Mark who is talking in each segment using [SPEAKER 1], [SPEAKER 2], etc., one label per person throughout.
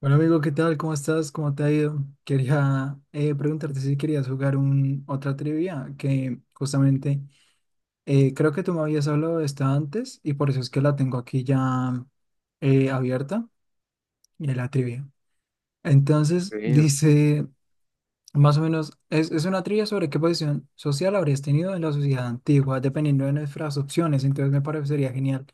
[SPEAKER 1] Bueno, amigo, ¿qué tal? ¿Cómo estás? ¿Cómo te ha ido? Quería preguntarte si querías jugar otra trivia, que justamente creo que tú me habías hablado de esta antes y por eso es que la tengo aquí ya abierta, y la trivia. Entonces,
[SPEAKER 2] Eh,
[SPEAKER 1] dice, más o menos, es una trivia sobre qué posición social habrías tenido en la sociedad antigua, dependiendo de nuestras opciones. Entonces me parecería genial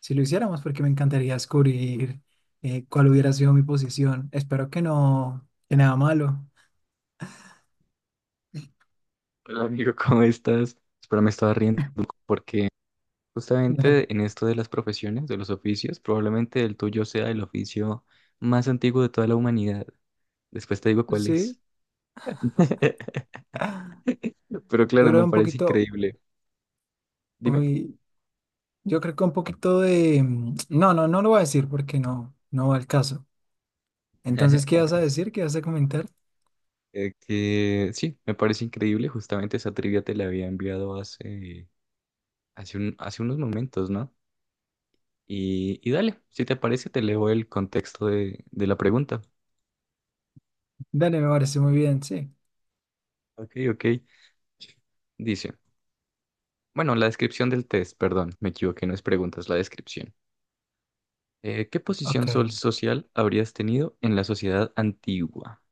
[SPEAKER 1] si lo hiciéramos, porque me encantaría descubrir cuál hubiera sido mi posición. Espero que no, que nada malo.
[SPEAKER 2] Hola amigo, ¿cómo estás? Espero me estaba riendo porque justamente en esto de las profesiones, de los oficios, probablemente el tuyo sea el oficio más antiguo de toda la humanidad. Después te digo cuál
[SPEAKER 1] Sí,
[SPEAKER 2] es. Pero
[SPEAKER 1] yo
[SPEAKER 2] claro,
[SPEAKER 1] creo
[SPEAKER 2] me
[SPEAKER 1] un
[SPEAKER 2] parece
[SPEAKER 1] poquito,
[SPEAKER 2] increíble. Dime.
[SPEAKER 1] uy, yo creo que un poquito de... No, no, no lo voy a decir porque no, no va al caso. Entonces, ¿qué vas a decir? ¿Qué vas a comentar?
[SPEAKER 2] Que sí, me parece increíble. Justamente esa trivia te la había enviado hace unos momentos, ¿no? Y, dale, si te parece, te leo el contexto de la pregunta.
[SPEAKER 1] Dale, me parece muy bien, sí.
[SPEAKER 2] Ok, ok. Dice. Bueno, la descripción del test, perdón, me equivoqué, no es preguntas, la descripción. ¿Qué
[SPEAKER 1] Ok,
[SPEAKER 2] social habrías tenido en la sociedad antigua?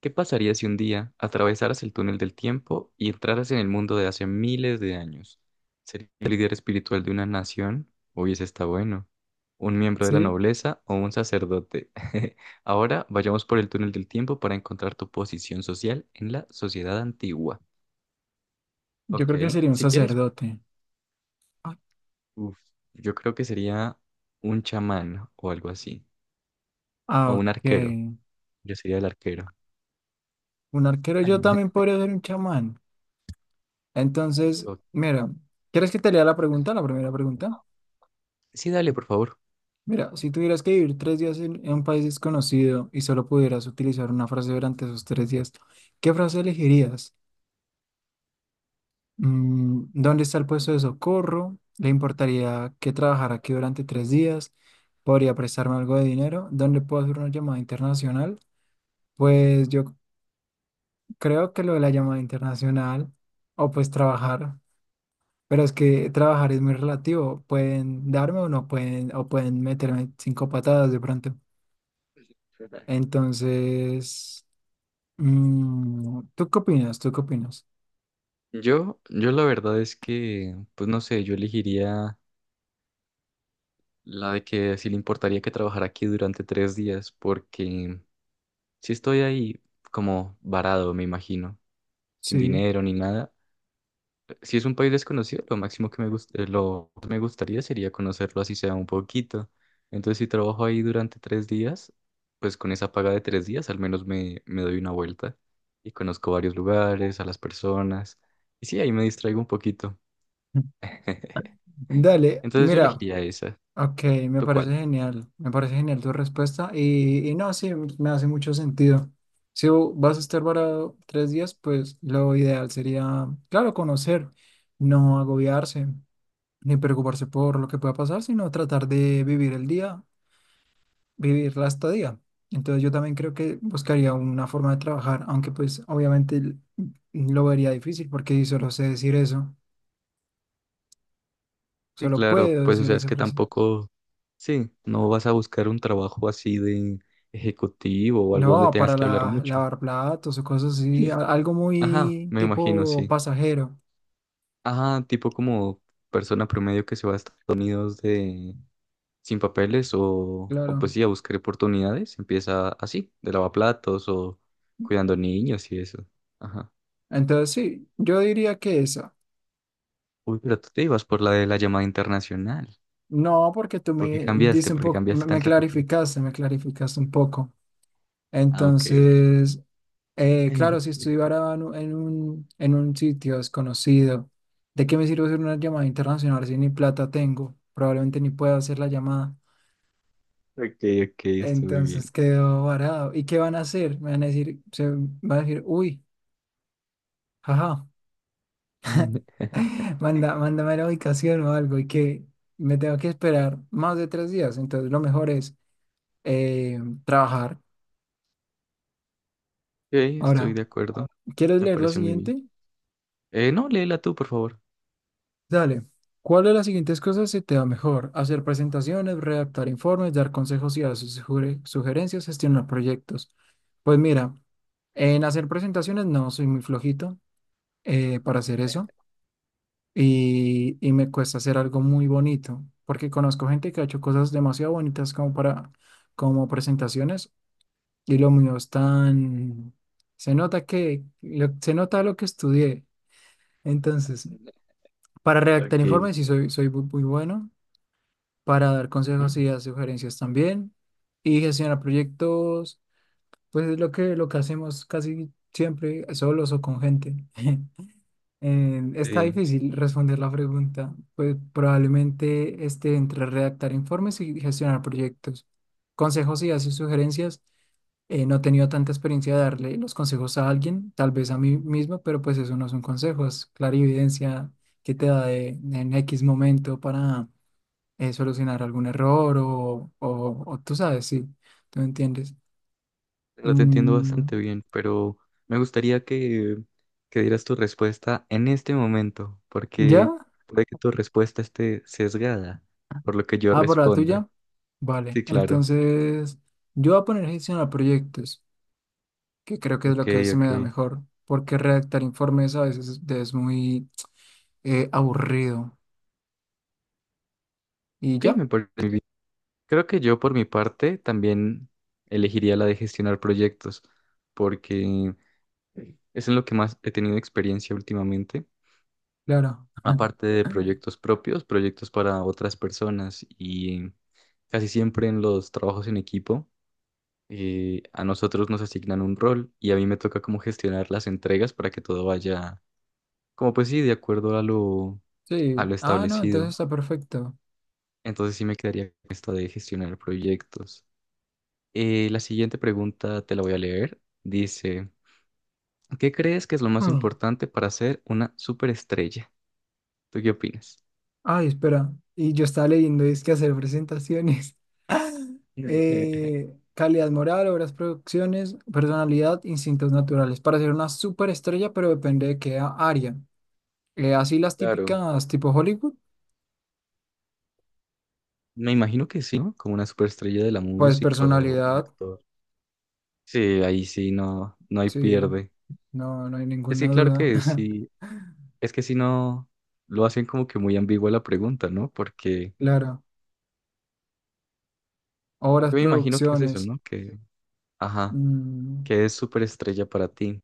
[SPEAKER 2] ¿Qué pasaría si un día atravesaras el túnel del tiempo y entraras en el mundo de hace miles de años? ¿Serías el líder espiritual de una nación? Uy, ese está bueno. ¿Un miembro de la
[SPEAKER 1] sí,
[SPEAKER 2] nobleza o un sacerdote? Ahora vayamos por el túnel del tiempo para encontrar tu posición social en la sociedad antigua.
[SPEAKER 1] yo
[SPEAKER 2] Ok,
[SPEAKER 1] creo que sería un
[SPEAKER 2] si quieres.
[SPEAKER 1] sacerdote.
[SPEAKER 2] Uf, yo creo que sería un chamán o algo así. O
[SPEAKER 1] Ah,
[SPEAKER 2] un arquero.
[SPEAKER 1] ok.
[SPEAKER 2] Yo sería el arquero.
[SPEAKER 1] Un arquero,
[SPEAKER 2] Ay.
[SPEAKER 1] yo también podría ser un chamán. Entonces,
[SPEAKER 2] Ok.
[SPEAKER 1] mira, ¿quieres que te lea la pregunta, la primera pregunta?
[SPEAKER 2] Sí, dale, por favor.
[SPEAKER 1] Mira, si tuvieras que vivir tres días en un país desconocido y solo pudieras utilizar una frase durante esos tres días, ¿qué frase elegirías? ¿Dónde está el puesto de socorro? ¿Le importaría que trabajara aquí durante tres días? ¿Podría prestarme algo de dinero? ¿Dónde puedo hacer una llamada internacional? Pues yo creo que lo de la llamada internacional o pues trabajar. Pero es que trabajar es muy relativo. Pueden darme o no pueden, o pueden meterme cinco patadas de pronto. Entonces, ¿tú qué opinas? ¿Tú qué opinas?
[SPEAKER 2] Yo la verdad es que, pues no sé, yo elegiría la de que sí le importaría que trabajara aquí durante tres días, porque si estoy ahí como varado, me imagino, sin
[SPEAKER 1] Sí.
[SPEAKER 2] dinero ni nada. Si es un país desconocido, lo máximo que lo que me gustaría sería conocerlo así sea un poquito. Entonces, si trabajo ahí durante tres días, pues con esa paga de tres días al menos me doy una vuelta y conozco varios lugares, a las personas. Y sí, ahí me distraigo un poquito.
[SPEAKER 1] Dale,
[SPEAKER 2] Entonces yo
[SPEAKER 1] mira,
[SPEAKER 2] elegiría esa.
[SPEAKER 1] ok, me
[SPEAKER 2] ¿Tú
[SPEAKER 1] parece
[SPEAKER 2] cuál?
[SPEAKER 1] genial. Me parece genial tu respuesta. Y no, sí, me hace mucho sentido. Si vas a estar varado tres días, pues lo ideal sería, claro, conocer, no agobiarse, ni preocuparse por lo que pueda pasar, sino tratar de vivir el día vivirla hasta día. Entonces yo también creo que buscaría una forma de trabajar, aunque pues obviamente lo vería difícil porque si solo sé decir eso,
[SPEAKER 2] Sí,
[SPEAKER 1] solo
[SPEAKER 2] claro,
[SPEAKER 1] puedo
[SPEAKER 2] pues o
[SPEAKER 1] decir
[SPEAKER 2] sea, es
[SPEAKER 1] esa
[SPEAKER 2] que
[SPEAKER 1] frase.
[SPEAKER 2] tampoco, sí, no vas a buscar un trabajo así de ejecutivo o algo donde
[SPEAKER 1] No,
[SPEAKER 2] tengas
[SPEAKER 1] para
[SPEAKER 2] que hablar mucho.
[SPEAKER 1] lavar platos o cosas así,
[SPEAKER 2] Sí.
[SPEAKER 1] algo
[SPEAKER 2] Ajá,
[SPEAKER 1] muy
[SPEAKER 2] me imagino,
[SPEAKER 1] tipo
[SPEAKER 2] sí.
[SPEAKER 1] pasajero,
[SPEAKER 2] Ajá, tipo como persona promedio que se va a Estados Unidos de sin papeles o pues
[SPEAKER 1] claro.
[SPEAKER 2] sí, a buscar oportunidades. Empieza así, de lavaplatos o cuidando niños y eso. Ajá.
[SPEAKER 1] Entonces sí, yo diría que esa.
[SPEAKER 2] Uy, pero tú te ibas por la de la llamada internacional.
[SPEAKER 1] No, porque tú
[SPEAKER 2] ¿Por qué
[SPEAKER 1] me
[SPEAKER 2] cambiaste?
[SPEAKER 1] dices un
[SPEAKER 2] ¿Por qué
[SPEAKER 1] poco,
[SPEAKER 2] cambiaste tan repentino?
[SPEAKER 1] me clarificaste un poco.
[SPEAKER 2] Ah, ok, ok.
[SPEAKER 1] Entonces, claro, si estoy varado en un, en un sitio desconocido, ¿de qué me sirve hacer una llamada internacional si ni plata tengo? Probablemente ni pueda hacer la llamada.
[SPEAKER 2] Ok, ok, estoy muy bien.
[SPEAKER 1] Entonces quedo varado. ¿Y qué van a hacer? Me van a decir, se van a decir, uy, jaja,
[SPEAKER 2] Mm, ok,
[SPEAKER 1] manda, mándame la ubicación o algo y que me tengo que esperar más de tres días. Entonces, lo mejor es eh, trabajar.
[SPEAKER 2] estoy
[SPEAKER 1] Ahora,
[SPEAKER 2] de acuerdo.
[SPEAKER 1] ¿quieres
[SPEAKER 2] Me
[SPEAKER 1] leer lo
[SPEAKER 2] parece muy bien.
[SPEAKER 1] siguiente?
[SPEAKER 2] No, léela tú, por favor.
[SPEAKER 1] Dale. ¿Cuál de las siguientes cosas se te da mejor? Hacer presentaciones, redactar informes, dar consejos y dar sugerencias, gestionar proyectos. Pues mira, en hacer presentaciones no soy muy flojito
[SPEAKER 2] Mm.
[SPEAKER 1] para hacer
[SPEAKER 2] Eh,
[SPEAKER 1] eso y me cuesta hacer algo muy bonito porque conozco gente que ha hecho cosas demasiado bonitas como para como presentaciones y lo mío es tan se nota se nota lo que estudié. Entonces, para redactar
[SPEAKER 2] Ok.
[SPEAKER 1] informes sí soy muy bueno para dar
[SPEAKER 2] Ah,
[SPEAKER 1] consejos y dar sugerencias también. Y gestionar proyectos, pues es lo que hacemos casi siempre solos o con gente. Está
[SPEAKER 2] sí.
[SPEAKER 1] difícil responder la pregunta, pues probablemente esté entre redactar informes y gestionar proyectos. Consejos y así sugerencias. No he tenido tanta experiencia de darle los consejos a alguien, tal vez a mí mismo, pero pues eso no son consejos, clarividencia que te da en X momento para solucionar algún error o tú sabes, sí, tú me entiendes.
[SPEAKER 2] Lo te entiendo
[SPEAKER 1] Mm,
[SPEAKER 2] bastante bien, pero me gustaría que dieras tu respuesta en este momento,
[SPEAKER 1] ¿Ya?
[SPEAKER 2] porque puede que tu respuesta esté sesgada por lo que yo
[SPEAKER 1] Ah, por la
[SPEAKER 2] responda.
[SPEAKER 1] tuya. Vale,
[SPEAKER 2] Sí, claro.
[SPEAKER 1] entonces yo voy a poner gestionar proyectos, que creo que es
[SPEAKER 2] Ok,
[SPEAKER 1] lo que se me da
[SPEAKER 2] ok.
[SPEAKER 1] mejor, porque redactar informes a veces es muy aburrido. Y
[SPEAKER 2] Ok,
[SPEAKER 1] ya,
[SPEAKER 2] me parece muy bien. Creo que yo por mi parte también elegiría la de gestionar proyectos, porque es en lo que más he tenido experiencia últimamente,
[SPEAKER 1] claro.
[SPEAKER 2] aparte de proyectos propios, proyectos para otras personas y casi siempre en los trabajos en equipo. A nosotros nos asignan un rol y a mí me toca como gestionar las entregas para que todo vaya, como pues sí, de acuerdo a a
[SPEAKER 1] Sí,
[SPEAKER 2] lo
[SPEAKER 1] ah, no, entonces
[SPEAKER 2] establecido.
[SPEAKER 1] está perfecto.
[SPEAKER 2] Entonces sí me quedaría con esto de gestionar proyectos. La siguiente pregunta te la voy a leer. Dice, ¿qué crees que es lo más
[SPEAKER 1] Mm.
[SPEAKER 2] importante para ser una superestrella? ¿Tú qué opinas?
[SPEAKER 1] Ay, espera, y yo estaba leyendo, es que hacer presentaciones. Calidad moral, obras, producciones, personalidad, instintos naturales. Para ser una superestrella, pero depende de qué área. Así las
[SPEAKER 2] Claro,
[SPEAKER 1] típicas tipo Hollywood,
[SPEAKER 2] me imagino que sí, ¿no? Como una superestrella de la
[SPEAKER 1] pues
[SPEAKER 2] música o un
[SPEAKER 1] personalidad,
[SPEAKER 2] actor. Sí, ahí sí no, no hay
[SPEAKER 1] sí,
[SPEAKER 2] pierde.
[SPEAKER 1] no, no hay
[SPEAKER 2] Es
[SPEAKER 1] ninguna
[SPEAKER 2] que claro
[SPEAKER 1] duda.
[SPEAKER 2] que sí. Es que si no, lo hacen como que muy ambigua la pregunta, ¿no? Porque,
[SPEAKER 1] Claro.
[SPEAKER 2] aunque
[SPEAKER 1] Obras,
[SPEAKER 2] me imagino que es eso,
[SPEAKER 1] producciones,
[SPEAKER 2] ¿no? Que, ajá,
[SPEAKER 1] mm,
[SPEAKER 2] que es superestrella para ti.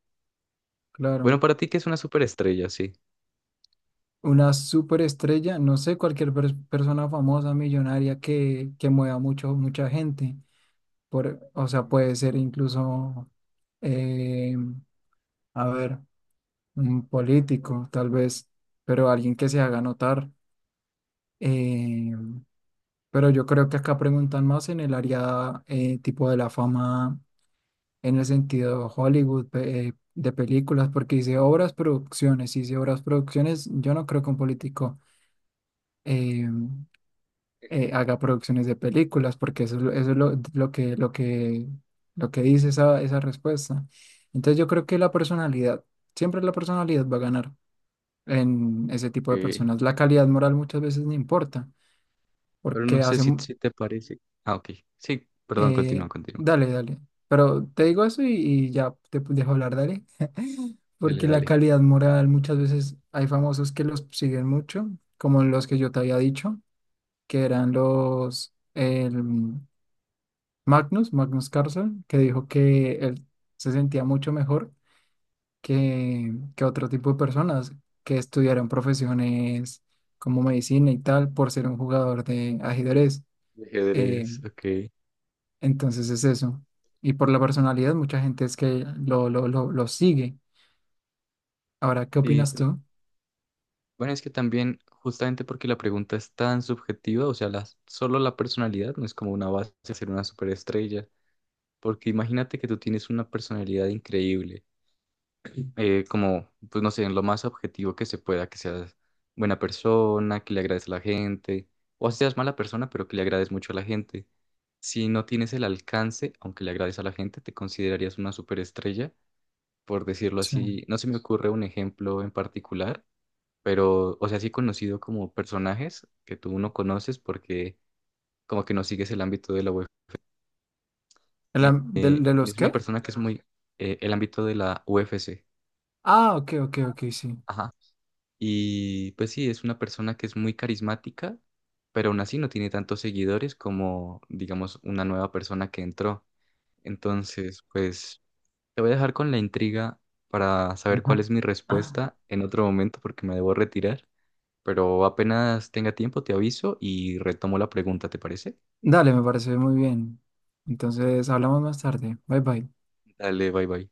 [SPEAKER 2] Bueno,
[SPEAKER 1] claro.
[SPEAKER 2] para ti que es una superestrella, sí.
[SPEAKER 1] Una superestrella, no sé, cualquier persona famosa, millonaria que mueva mucho, mucha gente. Por, o sea, puede ser incluso, eh, a ver. Un político, tal vez, pero alguien que se haga notar. Eh, pero yo creo que acá preguntan más en el área tipo de la fama, en el sentido Hollywood, de películas, porque dice obras, producciones, y dice obras, producciones, yo no creo que un político eh, haga producciones de películas, porque eso, eso es lo que dice esa respuesta. Entonces yo creo que la personalidad, siempre la personalidad va a ganar en ese tipo de
[SPEAKER 2] Eh,
[SPEAKER 1] personas. La calidad moral muchas veces no importa,
[SPEAKER 2] pero no
[SPEAKER 1] porque
[SPEAKER 2] sé si,
[SPEAKER 1] hacen...
[SPEAKER 2] si te parece. Ah, ok. Sí, perdón, continúa,
[SPEAKER 1] eh,
[SPEAKER 2] continúa.
[SPEAKER 1] dale, dale. Pero te digo eso y ya te dejo hablar, dale.
[SPEAKER 2] Dale,
[SPEAKER 1] Porque la
[SPEAKER 2] dale.
[SPEAKER 1] calidad moral muchas veces hay famosos que los siguen mucho, como los que yo te había dicho, que eran los... El, Magnus, Magnus Carlsen, que dijo que él se sentía mucho mejor que otro tipo de personas que estudiaron profesiones como medicina y tal por ser un jugador de ajedrez.
[SPEAKER 2] De
[SPEAKER 1] Eh,
[SPEAKER 2] Ajedrez, ok.
[SPEAKER 1] entonces es eso. Y por la personalidad, mucha gente es que lo sigue. Ahora, ¿qué
[SPEAKER 2] Sí,
[SPEAKER 1] opinas
[SPEAKER 2] pero
[SPEAKER 1] tú?
[SPEAKER 2] bueno, es que también, justamente porque la pregunta es tan subjetiva, o sea, la solo la personalidad no es como una base de ser una superestrella. Porque imagínate que tú tienes una personalidad increíble como, pues no sé, en lo más objetivo que se pueda, que seas buena persona, que le agrades a la gente, o así seas mala persona, pero que le agrades mucho a la gente. Si no tienes el alcance, aunque le agrades a la gente, te considerarías una superestrella, por decirlo
[SPEAKER 1] Sí.
[SPEAKER 2] así. No se me ocurre un ejemplo en particular, pero, o sea, sí conocido como personajes que tú no conoces porque como que no sigues el ámbito de la UFC.
[SPEAKER 1] ¿De,
[SPEAKER 2] Eh,
[SPEAKER 1] de
[SPEAKER 2] y
[SPEAKER 1] los
[SPEAKER 2] es una
[SPEAKER 1] qué?
[SPEAKER 2] persona que es muy, el ámbito de la UFC.
[SPEAKER 1] Ah, ok, ok, ok, sí.
[SPEAKER 2] Ajá. Y pues sí, es una persona que es muy carismática, pero aún así no tiene tantos seguidores como, digamos, una nueva persona que entró. Entonces, pues te voy a dejar con la intriga para saber cuál es mi respuesta en otro momento porque me debo retirar. Pero apenas tenga tiempo, te aviso y retomo la pregunta, ¿te parece?
[SPEAKER 1] Dale, me parece muy bien. Entonces, hablamos más tarde. Bye bye.
[SPEAKER 2] Dale, bye bye.